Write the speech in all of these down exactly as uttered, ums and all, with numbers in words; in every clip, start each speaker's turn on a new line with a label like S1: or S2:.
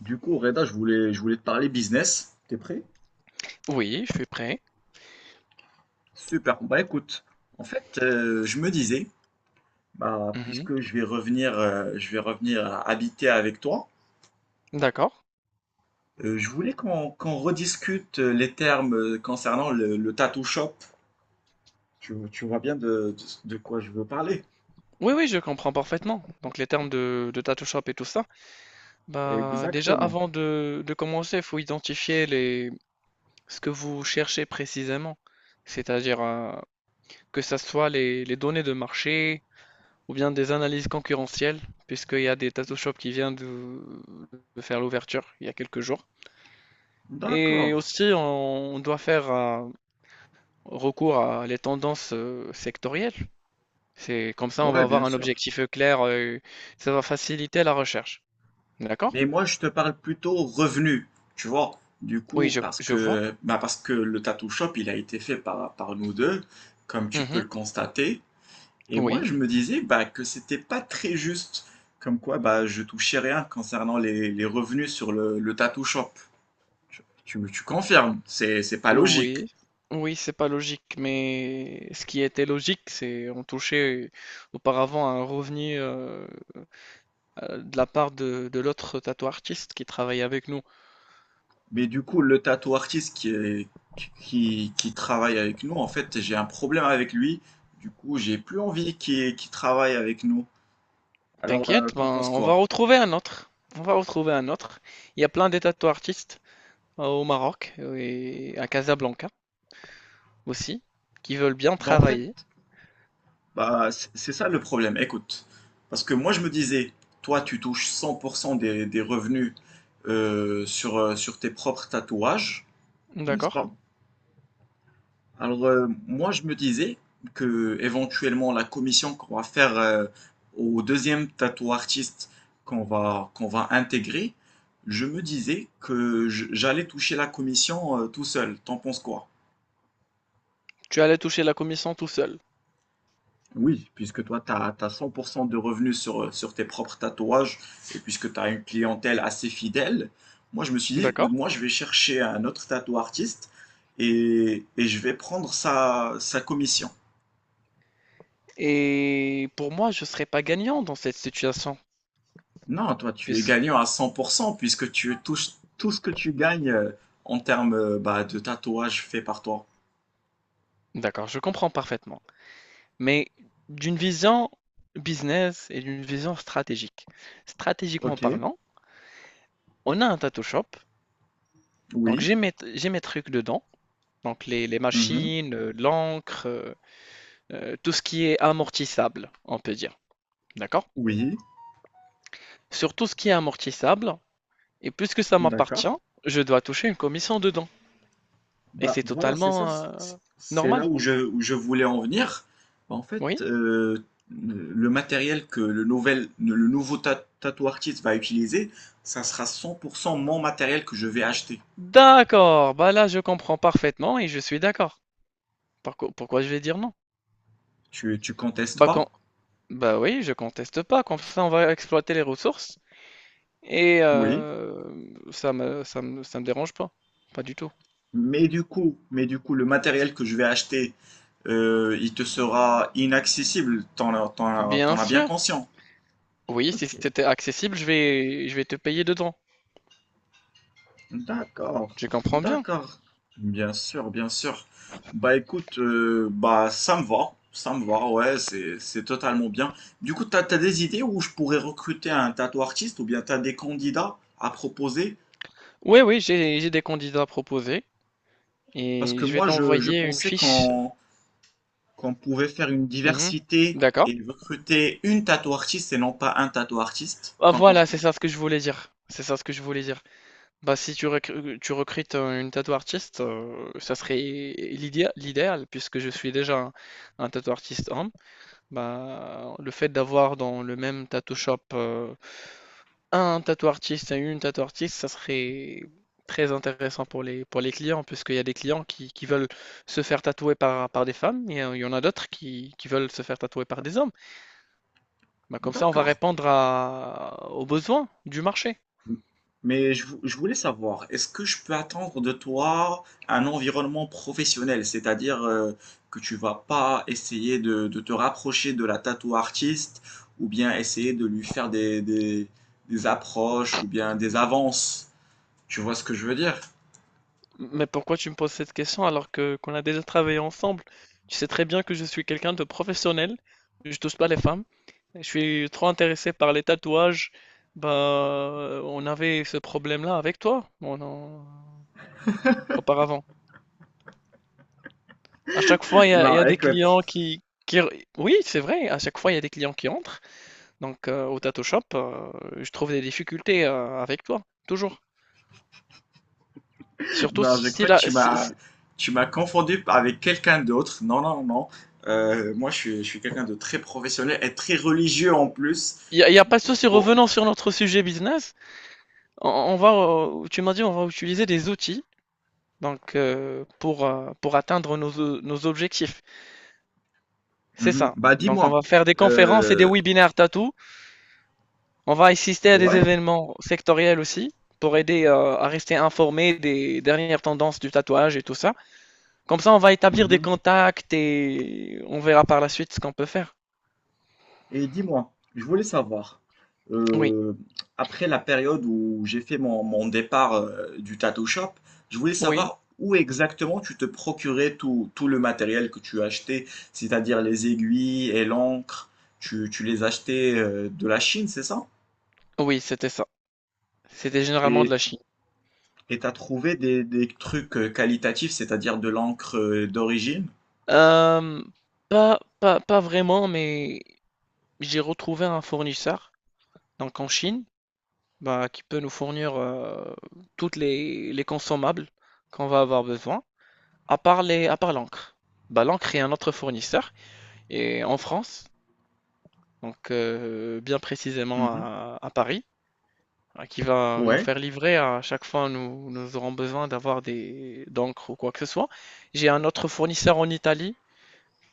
S1: Du coup, Reda, je voulais, je voulais te parler business. T'es prêt?
S2: Oui, je suis prêt.
S1: Super. Bah écoute, En fait, euh, je me disais, bah,
S2: Mmh.
S1: puisque je vais revenir, euh, je vais revenir à habiter avec toi,
S2: D'accord.
S1: euh, je voulais qu'on qu'on rediscute euh, les termes euh, concernant le, le tattoo shop. Tu, tu vois bien de, de, de quoi je veux parler.
S2: Oui, oui, je comprends parfaitement. Donc les termes de de Tattoo Shop et tout ça. Bah, déjà
S1: Exactement.
S2: avant de de commencer, il faut identifier les ce que vous cherchez précisément. C'est-à-dire, heu, que ça soit les les données de marché ou bien des analyses concurrentielles, puisqu'il y a des Tattoo Shop qui vient de de faire l'ouverture il y a quelques jours. Et
S1: D'accord.
S2: aussi on on doit faire, heu, recours à les tendances, heu, sectorielles. C'est comme ça, on va
S1: Ouais,
S2: avoir
S1: bien
S2: un
S1: sûr.
S2: objectif, clair, heu, ça va faciliter la recherche. D'accord?
S1: Mais moi, je te parle plutôt revenu, tu vois. Du
S2: Oui,
S1: coup,
S2: je
S1: parce
S2: je vois.
S1: que, bah parce que le tattoo shop, il a été fait par, par nous deux, comme tu peux
S2: Mmh.
S1: le constater. Et moi,
S2: Oui,
S1: je me disais bah, que c'était pas très juste, comme quoi bah, je touchais rien concernant les, les revenus sur le, le tattoo shop. Tu, tu, me- tu confirmes, c'est, c'est pas logique.
S2: oui, oui, c'est pas logique, mais ce qui était logique, c'est on touchait auparavant un revenu, heu heu, de la part de de l'autre tatou artiste qui travaillait avec nous.
S1: Mais du coup, le tattoo artiste qui est- qui, qui travaille avec nous, en fait, j'ai un problème avec lui. Du coup, j'ai plus envie qu'il qu'il travaille avec nous. Alors, euh,
S2: T'inquiète, ben,
S1: t'en penses
S2: on va
S1: quoi?
S2: retrouver un autre, on va retrouver un autre. Il y a plein des tatou artistes euh, au Maroc et à Casablanca aussi, qui veulent bien
S1: Bah, en fait,
S2: travailler.
S1: bah, c'est c'est ça le problème. Écoute, parce que moi, je me disais, toi, tu touches cent pour cent des, des revenus euh, sur, euh, sur tes propres tatouages, n'est-ce
S2: D'accord.
S1: pas? Alors, euh, moi, je me disais que éventuellement la commission qu'on va faire euh, au deuxième tatou artiste qu'on va, qu'on va intégrer, je me disais que je- j'allais toucher la commission euh, tout seul. T'en penses quoi?
S2: Tu allais toucher la commission tout seul.
S1: Oui, puisque toi, tu as, cent pour cent de revenus sur, sur tes propres tatouages et puisque tu as une clientèle assez fidèle, moi, je me suis dit,
S2: D'accord.
S1: moi, je vais chercher un autre tatou artiste et, et je vais prendre sa, sa commission.
S2: Et pour moi, je ne serais pas gagnant dans cette situation.
S1: Non, toi, tu es
S2: puisque-
S1: gagnant à cent pour cent puisque tu touches tout ce que tu gagnes euh, en termes euh, bah, de tatouages faits par toi.
S2: D'accord, je comprends parfaitement. Mais d'une vision business et d'une vision stratégique. Stratégiquement
S1: Ok,
S2: parlant, on a un tattoo shop. Donc
S1: oui,
S2: j'ai mes, j'ai mes trucs dedans. Donc les, les
S1: mhm,
S2: machines, euh, l'encre, euh, euh, tout ce qui est amortissable, on peut dire. D'accord?
S1: oui,
S2: Sur tout ce qui est amortissable, et puisque ça m'appartient,
S1: d'accord.
S2: je dois toucher une commission dedans. Et
S1: Bah
S2: c'est
S1: voilà, c'est ça,
S2: totalement
S1: c-
S2: euh,
S1: c'est
S2: normal.
S1: là où je, où je voulais en venir. Bah, En fait,
S2: Oui?
S1: euh, le matériel que le nouvel, le nouveau ta- tattoo artist va utiliser, ça sera cent pour cent mon matériel que je vais acheter.
S2: D'accord, bah là je comprends parfaitement et je suis d'accord. Pourquoi, pourquoi je vais dire non?
S1: Tu, tu contestes
S2: Bah, quand,
S1: pas?
S2: bah oui, je conteste pas, comme ça on va exploiter les ressources et
S1: Oui.
S2: euh, ça me, ça me, ça me dérange pas, pas du tout.
S1: Mais du coup, mais du coup, le matériel que je vais acheter, euh, il te sera inaccessible. T'en as, t'en as-
S2: Bien
S1: t'en as bien
S2: sûr,
S1: conscient.
S2: oui, si
S1: Ok.
S2: c'était accessible, je vais, je vais te payer dedans.
S1: D'accord,
S2: Je comprends bien.
S1: d'accord. Bien sûr, bien sûr. Bah écoute, euh, bah ça me va, ça me va, ouais, c'est c'est totalement bien. Du coup, t'as, t'as des idées où je pourrais recruter un tattoo artiste ou bien t'as des candidats à proposer?
S2: Oui, oui, j'ai, j'ai des candidats proposés
S1: Parce
S2: et
S1: que
S2: je vais
S1: moi, je, je
S2: t'envoyer une
S1: pensais
S2: fiche.
S1: qu'on qu'on pouvait faire une
S2: Mhm.
S1: diversité
S2: D'accord.
S1: et recruter une tattoo artiste et non pas un tattoo artiste.
S2: Ah,
S1: T'en penses
S2: voilà, c'est
S1: quoi?
S2: ça ce que je voulais dire. C'est ça ce que je voulais dire. Bah, si tu recr euh, tu recrutes, heu, une tattoo artiste, heu, ça serait l'idéa l'idéal puisque je suis déjà un un tattoo artist homme. Bah, le fait d'avoir dans le même tattoo shop, heu, un tattoo artiste et une tattoo artiste, ça serait très intéressant pour les pour les clients puisqu'il y a des clients qui qui veulent se faire tatouer par par des femmes et heu, il y en a d'autres qui qui veulent se faire tatouer par des hommes. Bah, comme ça, on va
S1: D'accord.
S2: répondre à aux besoins du marché.
S1: Mais je, vou- je voulais savoir, est-ce que je peux attendre de toi un environnement professionnel, c'est-à-dire euh, que tu vas pas essayer de, de te rapprocher de la tattoo artiste ou bien essayer de lui faire des, des, des approches ou bien des avances. Tu vois ce que je veux dire?
S2: Mais pourquoi tu me poses cette question alors que qu'on a déjà travaillé ensemble? Tu sais très bien que je suis quelqu'un de professionnel, je touche pas les femmes, je suis trop intéressé par les tatouages. Bah, on avait ce problème-là avec toi, on en- auparavant. À chaque fois, il y a, il y
S1: Non,
S2: a des
S1: écoute,
S2: clients qui, qui... Oui, c'est vrai, à chaque fois, il y a des clients qui entrent. Donc, euh, au tattoo shop, euh, je trouve des difficultés euh, avec toi, toujours. Surtout
S1: non, je
S2: si
S1: crois que
S2: la...
S1: tu
S2: si-
S1: m'as
S2: si-
S1: tu m'as confondu avec quelqu'un d'autre. Non, non, non. Euh, moi, je suis, je suis quelqu'un de très professionnel et très religieux en plus.
S2: Il n'y a, il y a pas de souci
S1: Pour,
S2: revenant sur notre sujet business. On on va, euh, tu m'as dit, on va utiliser des outils donc euh, pour, euh, pour atteindre nos, o- nos objectifs. C'est
S1: mhm.
S2: ça.
S1: Bah
S2: Donc on
S1: dis-moi,
S2: va faire des conférences et des
S1: euh,
S2: webinaires tatou. On va assister à des
S1: ouais,
S2: événements sectoriels aussi pour aider euh, à rester informé des dernières tendances du tatouage et tout ça. Comme ça, on va établir des
S1: mhm.
S2: contacts et on verra par la suite ce qu'on peut faire.
S1: Et dis-moi, je voulais savoir,
S2: Oui,
S1: euh, après la période où j'ai fait mon, mon départ euh, du tattoo shop, je voulais
S2: oui,
S1: savoir où exactement tu te procurais tout, tout le matériel que tu achetais, c'est-à-dire les aiguilles et l'encre, tu, tu les achetais euh, de la Chine, c'est ça?
S2: oui, c'était ça. C'était généralement de
S1: Et
S2: la
S1: t-
S2: Chine.
S1: et t'as trouvé des, des trucs euh, qualitatifs, c'est-à-dire de l'encre euh, d'origine?
S2: Euh, pas, pas, pas vraiment, mais j'ai retrouvé un fournisseur. Donc en Chine, bah, qui peut nous fournir euh, toutes les, les consommables qu'on va avoir besoin, à part les, à part l'encre. Bah, l'encre est un autre fournisseur, et en France, donc euh, bien précisément
S1: Mhm.
S2: à, à Paris, hein, qui va nous
S1: Ouais,
S2: faire livrer à chaque fois nous, nous aurons besoin d'avoir des d'encre ou quoi que ce soit. J'ai un autre fournisseur en Italie,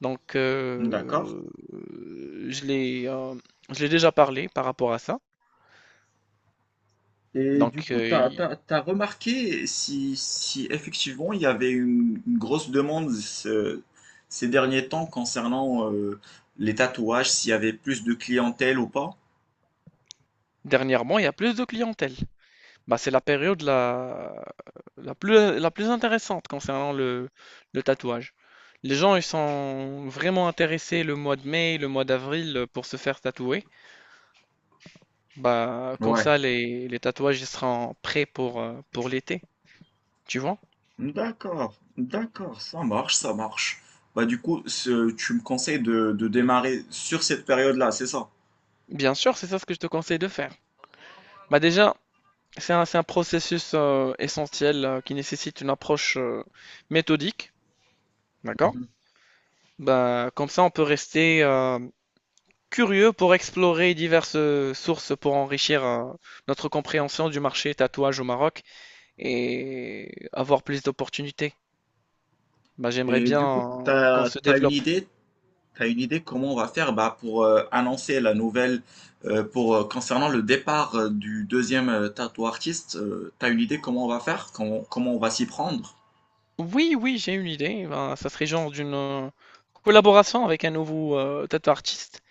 S2: donc
S1: d'accord.
S2: euh, je l'ai euh, je l'ai déjà parlé par rapport à ça.
S1: Et du
S2: Donc
S1: coup,
S2: euh,
S1: t'as,
S2: il-
S1: t'as, t'as remarqué si, si effectivement il y avait une, une grosse demande ce- ces derniers temps concernant euh, les tatouages, s'il y avait plus de clientèle ou pas?
S2: Dernièrement, il y a plus de clientèle. Bah, c'est la période la, la plus, la plus intéressante concernant le, le tatouage. Les gens, ils sont vraiment intéressés le mois de mai, le mois d'avril euh, pour se faire tatouer. Bah, comme
S1: Ouais.
S2: ça, les, les tatouages, ils seront prêts pour, euh, pour l'été, tu vois?
S1: D'accord, d'accord, ça marche, ça marche. Bah du coup, ce- tu me conseilles de, de démarrer sur cette période-là, c'est ça?
S2: Bien sûr, c'est ça ce que je te conseille de faire. Bah, déjà, c'est un, c'est un processus euh, essentiel euh, qui nécessite une approche euh, méthodique, d'accord?
S1: Mhm.
S2: Bah, comme ça, on peut rester... euh, curieux pour explorer diverses euh, sources pour enrichir euh, notre compréhension du marché tatouage au Maroc et avoir plus d'opportunités. Bah, j'aimerais
S1: Et
S2: bien
S1: du coup,
S2: euh, qu'on
S1: t'as,
S2: se
S1: t'as une
S2: développe.
S1: idée? T'as une idée comment on va faire bah, pour euh, annoncer la nouvelle euh, pour euh, concernant le départ euh, du deuxième euh, tattoo artiste, euh, t'as une idée comment on va faire, comment, comment on va s'y prendre?
S2: Oui, oui, j'ai une idée. Ben, ça serait genre d'une euh, collaboration avec un nouveau euh, tattoo artiste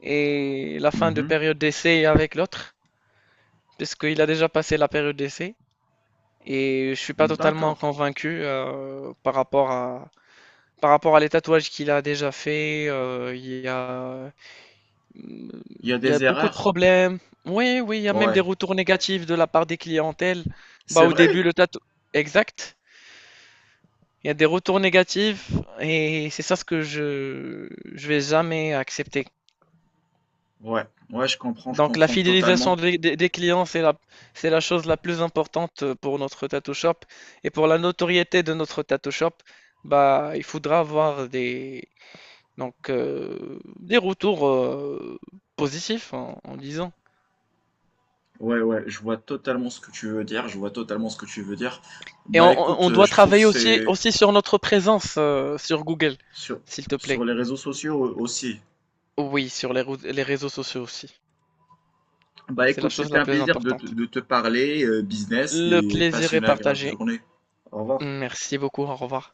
S2: et la fin de
S1: Mhm.
S2: période d'essai avec l'autre, parce qu'il a déjà passé la période d'essai. Et je suis pas totalement
S1: D'accord.
S2: convaincu euh, par rapport à par rapport à les tatouages qu'il a déjà fait. euh, il y a Hum.
S1: Il y a
S2: Il y a
S1: des
S2: beaucoup de
S1: erreurs.
S2: problèmes. Oui, oui, il y a même des
S1: Ouais.
S2: retours négatifs de la part des clientèles. Bah,
S1: C'est
S2: au début,
S1: vrai?
S2: le tatou... Exact. Il y a des retours négatifs et c'est ça ce que je je vais jamais accepter.
S1: Ouais. Ouais, je comprends, je
S2: Donc la
S1: comprends totalement.
S2: fidélisation des, des- des clients, c'est la, c'est la chose la plus importante pour notre tattoo shop. Et pour la notoriété de notre tattoo shop, bah, il faudra avoir des, donc, euh, des retours euh, positifs en en disant.
S1: Ouais, ouais, je vois totalement ce que tu veux dire, je vois totalement ce que tu veux dire.
S2: Et
S1: Bah
S2: on, on-
S1: écoute,
S2: on
S1: euh,
S2: doit
S1: je trouve
S2: travailler aussi,
S1: c'est
S2: aussi sur notre présence euh, sur Google,
S1: sur
S2: s'il te
S1: sur
S2: plaît.
S1: les réseaux sociaux aussi.
S2: Oui, sur les, rou- les réseaux sociaux aussi.
S1: Bah
S2: C'est la
S1: écoute,
S2: chose
S1: c'était
S2: la
S1: un
S2: plus
S1: plaisir de te,
S2: importante.
S1: de te parler euh, business
S2: Le
S1: et
S2: plaisir est
S1: passionné, agréable
S2: partagé.
S1: journée. Au revoir.
S2: Merci beaucoup, au revoir.